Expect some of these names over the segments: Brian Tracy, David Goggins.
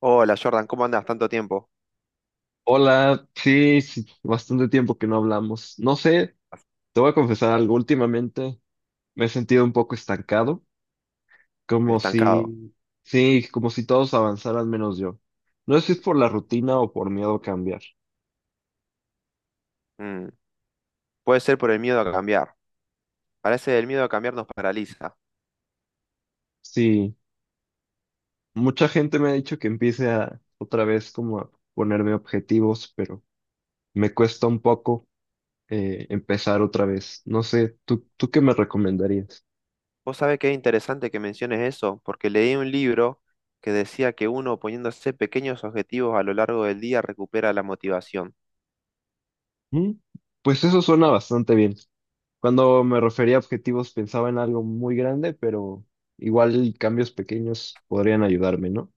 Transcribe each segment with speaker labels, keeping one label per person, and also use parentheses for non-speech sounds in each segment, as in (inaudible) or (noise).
Speaker 1: Hola Jordan, ¿cómo andas? Tanto tiempo.
Speaker 2: Hola, sí, sí, bastante tiempo que no hablamos. No sé, te voy a confesar algo. Últimamente me he sentido un poco estancado, como
Speaker 1: Estancado.
Speaker 2: si, sí, como si todos avanzaran menos yo. No sé si es por la rutina o por miedo a cambiar.
Speaker 1: Mm. Puede ser por el miedo a cambiar. Parece que el miedo a cambiar nos paraliza.
Speaker 2: Sí, mucha gente me ha dicho que empiece a otra vez como a ponerme objetivos, pero me cuesta un poco empezar otra vez. No sé, ¿tú qué me recomendarías?
Speaker 1: Vos sabés qué interesante que menciones eso, porque leí un libro que decía que uno poniéndose pequeños objetivos a lo largo del día recupera la motivación.
Speaker 2: Mm, Pues eso suena bastante bien. Cuando me refería a objetivos, pensaba en algo muy grande, pero igual cambios pequeños podrían ayudarme, ¿no?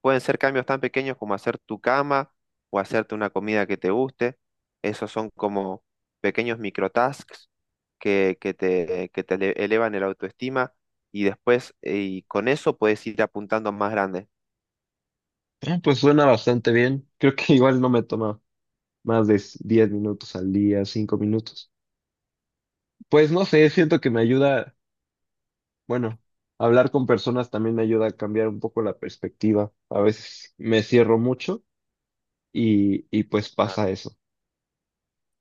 Speaker 1: Pueden ser cambios tan pequeños como hacer tu cama o hacerte una comida que te guste. Esos son como pequeños microtasks que te elevan el autoestima y después y con eso puedes ir apuntando más grande.
Speaker 2: Ah, pues suena bastante bien. Creo que (laughs) igual no me toma más de 10 minutos al día, 5 minutos. Pues no sé, siento que me ayuda, bueno, hablar con personas también me ayuda a cambiar un poco la perspectiva. A veces me cierro mucho y pues pasa
Speaker 1: Claro,
Speaker 2: eso.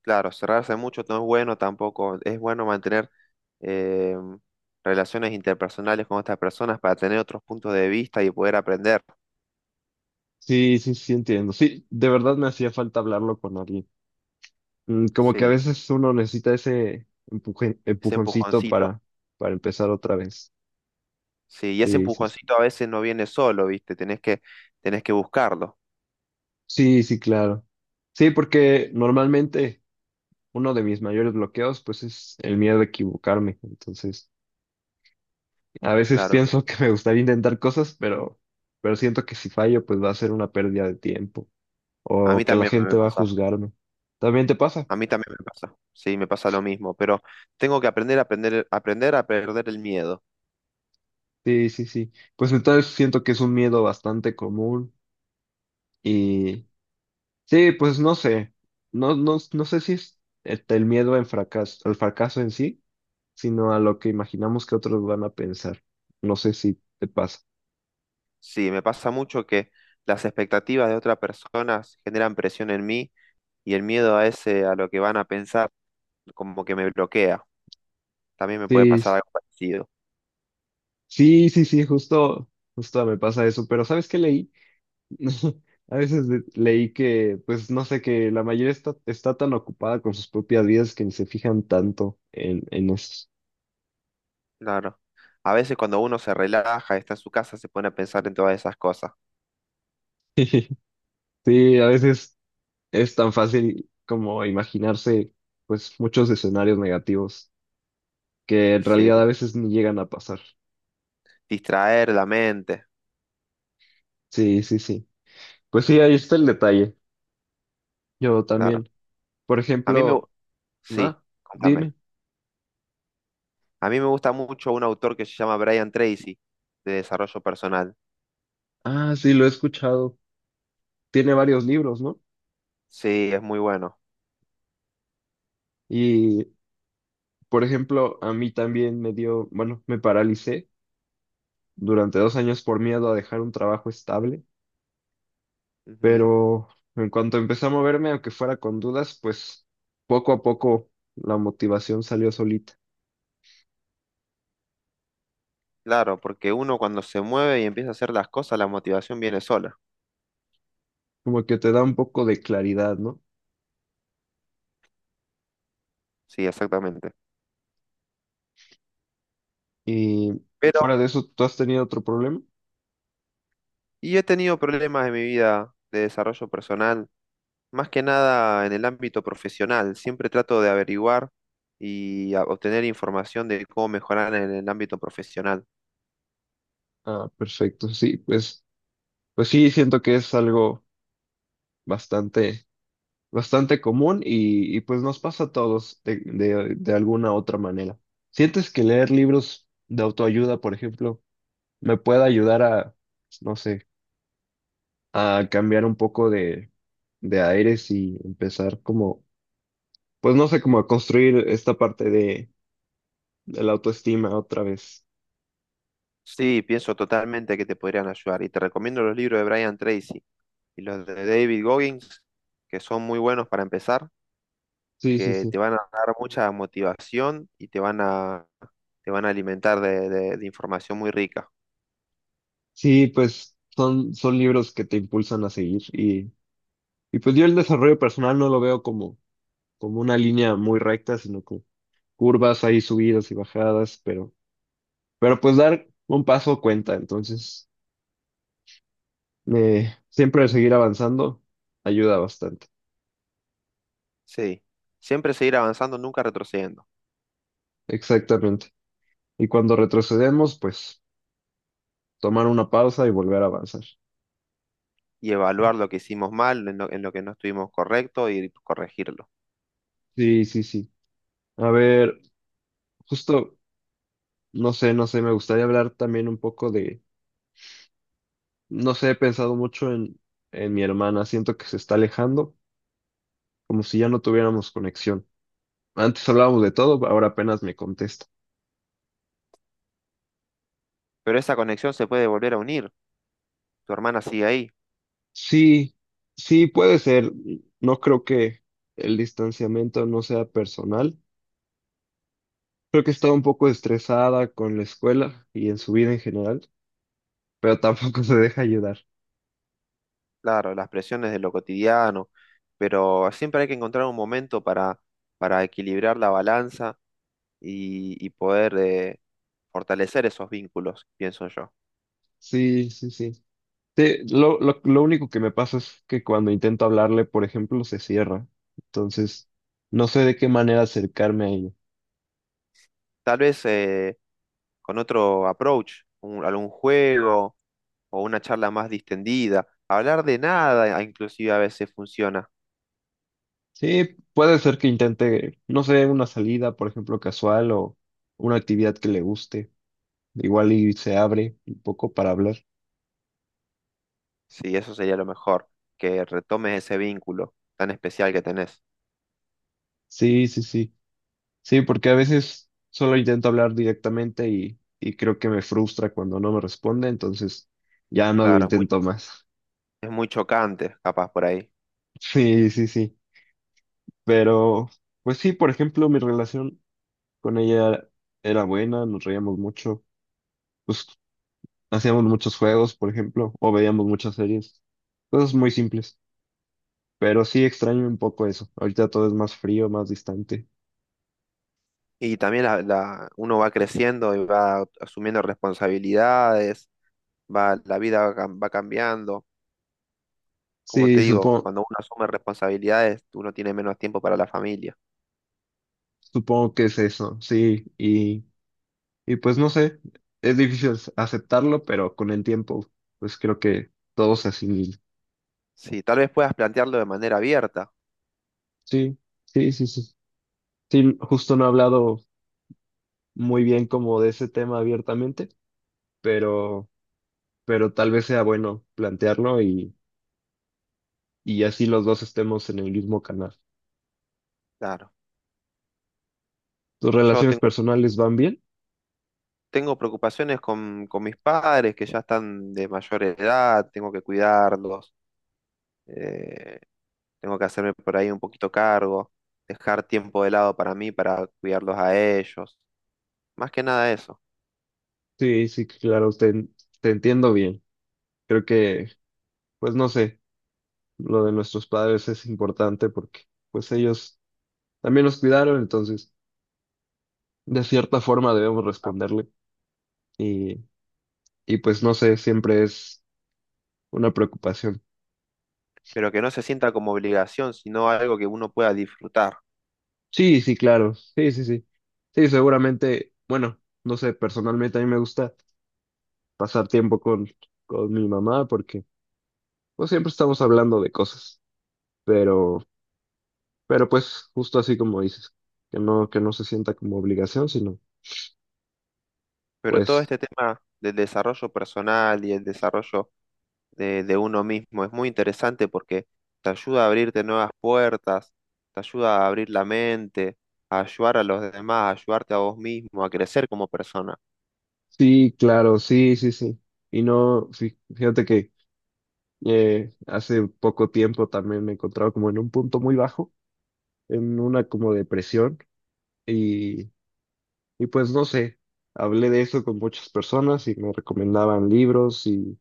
Speaker 1: claro, cerrarse mucho no es bueno tampoco. Es bueno mantener eh, relaciones interpersonales con otras personas para tener otros puntos de vista y poder aprender.
Speaker 2: Sí, sí, sí, entiendo. Sí, de verdad me hacía falta hablarlo con alguien. Como que a
Speaker 1: Sí,
Speaker 2: veces uno necesita ese
Speaker 1: ese
Speaker 2: empujoncito
Speaker 1: empujoncito.
Speaker 2: para empezar otra vez.
Speaker 1: Sí, y ese
Speaker 2: Sí, sí, sí.
Speaker 1: empujoncito a veces no viene solo, ¿viste? Tenés que buscarlo.
Speaker 2: Sí, sí, claro. Sí, porque normalmente uno de mis mayores bloqueos, pues, es el miedo a equivocarme. Entonces, a veces
Speaker 1: Claro, pero
Speaker 2: pienso que me gustaría intentar cosas, pero siento que si fallo, pues va a ser una pérdida de tiempo
Speaker 1: a
Speaker 2: o
Speaker 1: mí
Speaker 2: que la
Speaker 1: también me
Speaker 2: gente va a
Speaker 1: pasa.
Speaker 2: juzgarme. ¿También te pasa?
Speaker 1: A mí también me pasa. Sí, me pasa lo mismo, pero tengo que aprender a perder el miedo.
Speaker 2: Sí, sí, sí. Pues entonces siento que es un miedo bastante común. Sí, pues no sé. No, no, no sé si es el miedo en fracaso, al fracaso en sí, sino a lo que imaginamos que otros van a pensar. No sé si te pasa.
Speaker 1: Sí, me pasa mucho que las expectativas de otras personas generan presión en mí y el miedo a ese, a lo que van a pensar, como que me bloquea. También me puede
Speaker 2: Sí,
Speaker 1: pasar algo parecido.
Speaker 2: sí, sí, sí, justo, justo me pasa eso. Pero ¿sabes qué leí? (laughs) A veces leí que, pues no sé, que la mayoría está tan ocupada con sus propias vidas que ni se fijan tanto en eso.
Speaker 1: Claro. A veces cuando uno se relaja, está en su casa, se pone a pensar en todas esas cosas.
Speaker 2: (laughs) Sí, a veces es tan fácil como imaginarse, pues, muchos escenarios negativos, que en
Speaker 1: Sí.
Speaker 2: realidad a veces ni llegan a pasar.
Speaker 1: Distraer la mente.
Speaker 2: Sí, sí, sí. Pues sí, ahí está el detalle. Yo
Speaker 1: Claro.
Speaker 2: también. Por
Speaker 1: A mí me... gu-
Speaker 2: ejemplo,
Speaker 1: Sí,
Speaker 2: no,
Speaker 1: contame.
Speaker 2: dime.
Speaker 1: A mí me gusta mucho un autor que se llama Brian Tracy, de desarrollo personal.
Speaker 2: Ah, sí, lo he escuchado. Tiene varios libros, ¿no?
Speaker 1: Sí, es muy bueno.
Speaker 2: Y, por ejemplo, a mí también me dio, bueno, me paralicé durante 2 años por miedo a dejar un trabajo estable,
Speaker 1: Ujú.
Speaker 2: pero en cuanto empecé a moverme, aunque fuera con dudas, pues poco a poco la motivación salió solita.
Speaker 1: Claro, porque uno cuando se mueve y empieza a hacer las cosas, la motivación viene sola.
Speaker 2: Como que te da un poco de claridad, ¿no?
Speaker 1: Sí, exactamente.
Speaker 2: Y
Speaker 1: Pero
Speaker 2: fuera de eso, ¿tú has tenido otro problema?
Speaker 1: y yo he tenido problemas en mi vida de desarrollo personal, más que nada en el ámbito profesional. Siempre trato de averiguar y obtener información de cómo mejorar en el ámbito profesional.
Speaker 2: Ah, perfecto. Sí, pues, sí, siento que es algo bastante, bastante común y pues nos pasa a todos de alguna otra manera. ¿Sientes que leer libros de autoayuda, por ejemplo, me puede ayudar a, pues, no sé, a cambiar un poco de, aires y empezar como, pues no sé, como a construir esta parte de, la autoestima otra vez?
Speaker 1: Sí, pienso totalmente que te podrían ayudar y te recomiendo los libros de Brian Tracy y los de David Goggins, que son muy buenos para empezar,
Speaker 2: Sí, sí,
Speaker 1: que
Speaker 2: sí.
Speaker 1: te van a dar mucha motivación y te van a alimentar de información muy rica.
Speaker 2: Sí, pues son libros que te impulsan a seguir y pues yo el desarrollo personal no lo veo como, una línea muy recta, sino como curvas ahí, subidas y bajadas, pero pues dar un paso cuenta, entonces siempre seguir avanzando ayuda bastante,
Speaker 1: Sí, siempre seguir avanzando, nunca retrocediendo.
Speaker 2: exactamente. Y cuando retrocedemos, pues tomar una pausa y volver a avanzar.
Speaker 1: Y evaluar lo que hicimos mal, en lo que no estuvimos correcto y corregirlo.
Speaker 2: Sí, sí, sí. A ver, justo, no sé, me gustaría hablar también un poco de. No sé, he pensado mucho en mi hermana. Siento que se está alejando, como si ya no tuviéramos conexión. Antes hablábamos de todo, ahora apenas me contesta.
Speaker 1: Pero esa conexión se puede volver a unir. Tu hermana sigue ahí,
Speaker 2: Sí, sí, puede ser. No creo que el distanciamiento no sea personal. Creo que estaba un poco estresada con la escuela y en su vida en general, pero tampoco (laughs) se deja ayudar.
Speaker 1: claro, las presiones de lo cotidiano, pero siempre hay que encontrar un para equilibrar la balanza y poder fortalecer esos vínculos, pienso yo.
Speaker 2: Sí, sí, sí. Sí, lo único que me pasa es que cuando intento hablarle, por ejemplo, se cierra. Entonces, no sé de qué manera acercarme a ella.
Speaker 1: Tal vez con otro approach, algún juego o una charla más distendida. Hablar de nada, ah, inclusive a veces funciona.
Speaker 2: Sí, puede ser que intente, no sé, una salida, por ejemplo, casual o una actividad que le guste. Igual y se abre un poco para hablar.
Speaker 1: Sí, eso sería lo mejor, que retomes ese vínculo tan especial que tenés.
Speaker 2: Sí, sí, sí. Sí, porque a veces solo intento hablar directamente y creo que me frustra cuando no me responde, entonces ya no lo
Speaker 1: Claro,
Speaker 2: intento más. (laughs)
Speaker 1: es muy chocante, capaz por ahí.
Speaker 2: Sí, sí, sí. Pero, pues sí, por ejemplo, mi relación con ella era buena, nos reíamos mucho, pues hacíamos muchos juegos, por ejemplo, o veíamos muchas series, cosas muy simples. Pero sí extraño un poco eso. Ahorita todo es más frío, más distante.
Speaker 1: Y también uno va creciendo y va asumiendo responsabilidades, la vida va cambiando. Como
Speaker 2: Sí,
Speaker 1: te digo,
Speaker 2: supongo,
Speaker 1: cuando uno asume responsabilidades, uno tiene menos tiempo para la familia.
Speaker 2: supongo que es eso, sí. Y pues no sé, es difícil aceptarlo, pero con el tiempo, pues creo que todo se asimila.
Speaker 1: Sí, tal vez puedas plantearlo de manera abierta.
Speaker 2: Sí, sí, sí, sí. Sí, justo no he hablado muy bien como de ese tema abiertamente, pero, pero, tal vez sea bueno plantearlo y así los dos estemos en el mismo canal.
Speaker 1: Claro,
Speaker 2: ¿Tus
Speaker 1: yo
Speaker 2: relaciones
Speaker 1: tengo,
Speaker 2: personales van bien?
Speaker 1: tengo preocupaciones con mis padres que ya están de mayor edad, tengo que cuidarlos eh, tengo que hacerme por ahí un poquito cargo, dejar tiempo de lado para mí, para cuidarlos a ellos, más que nada eso.
Speaker 2: Sí, sí, claro, te entiendo bien. Creo que, pues no sé, lo de nuestros padres es importante porque pues ellos también nos cuidaron, entonces de cierta forma debemos
Speaker 1: Ah,
Speaker 2: responderle y, y pues no sé, siempre es una preocupación.
Speaker 1: pero que no se sienta como obligación, sino algo que uno pueda disfrutar.
Speaker 2: Sí, sí, claro, sí, sí, sí. Sí, seguramente, bueno, no sé, personalmente a mí me gusta pasar tiempo con, mi mamá porque pues siempre estamos hablando de cosas, pero, pero, pues justo así como dices, que no se sienta como obligación, sino
Speaker 1: Pero todo
Speaker 2: pues.
Speaker 1: este tema del desarrollo personal y el desarrollo de uno mismo es muy interesante porque te ayuda a abrirte nuevas puertas, te ayuda a abrir la mente, a ayudar a los demás, a ayudarte a vos mismo, a crecer como persona.
Speaker 2: Sí, claro, sí, sí, sí. Y no, sí, fíjate que hace poco tiempo también me encontraba como en un punto muy bajo, en una como depresión, y, y pues no sé, hablé de eso con muchas personas y me recomendaban libros y,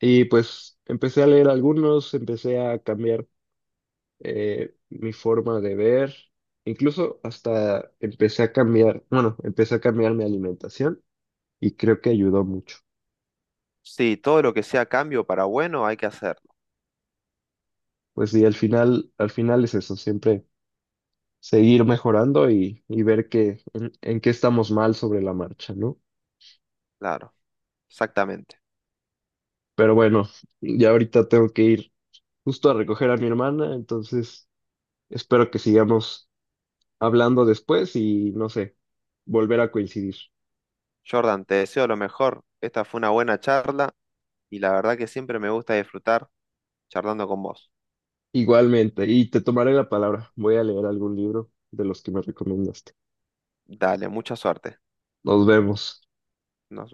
Speaker 2: y pues empecé a leer algunos, empecé a cambiar mi forma de ver, incluso hasta empecé a cambiar, bueno, empecé a cambiar mi alimentación y creo que ayudó mucho.
Speaker 1: Sí, todo lo que sea cambio para bueno hay que hacerlo,
Speaker 2: Pues sí, al final es eso, siempre seguir mejorando y ver que, en qué estamos mal sobre la marcha, ¿no?
Speaker 1: claro. Exactamente.
Speaker 2: Pero bueno, ya ahorita tengo que ir justo a recoger a mi hermana, entonces espero que sigamos hablando después y no sé, volver a coincidir.
Speaker 1: Jordan, te deseo lo mejor. Esta fue una buena charla y la verdad que siempre me gusta disfrutar charlando con vos.
Speaker 2: Igualmente, y te tomaré la palabra, voy a leer algún libro de los que me recomendaste.
Speaker 1: Dale, mucha suerte.
Speaker 2: Nos vemos.
Speaker 1: Nos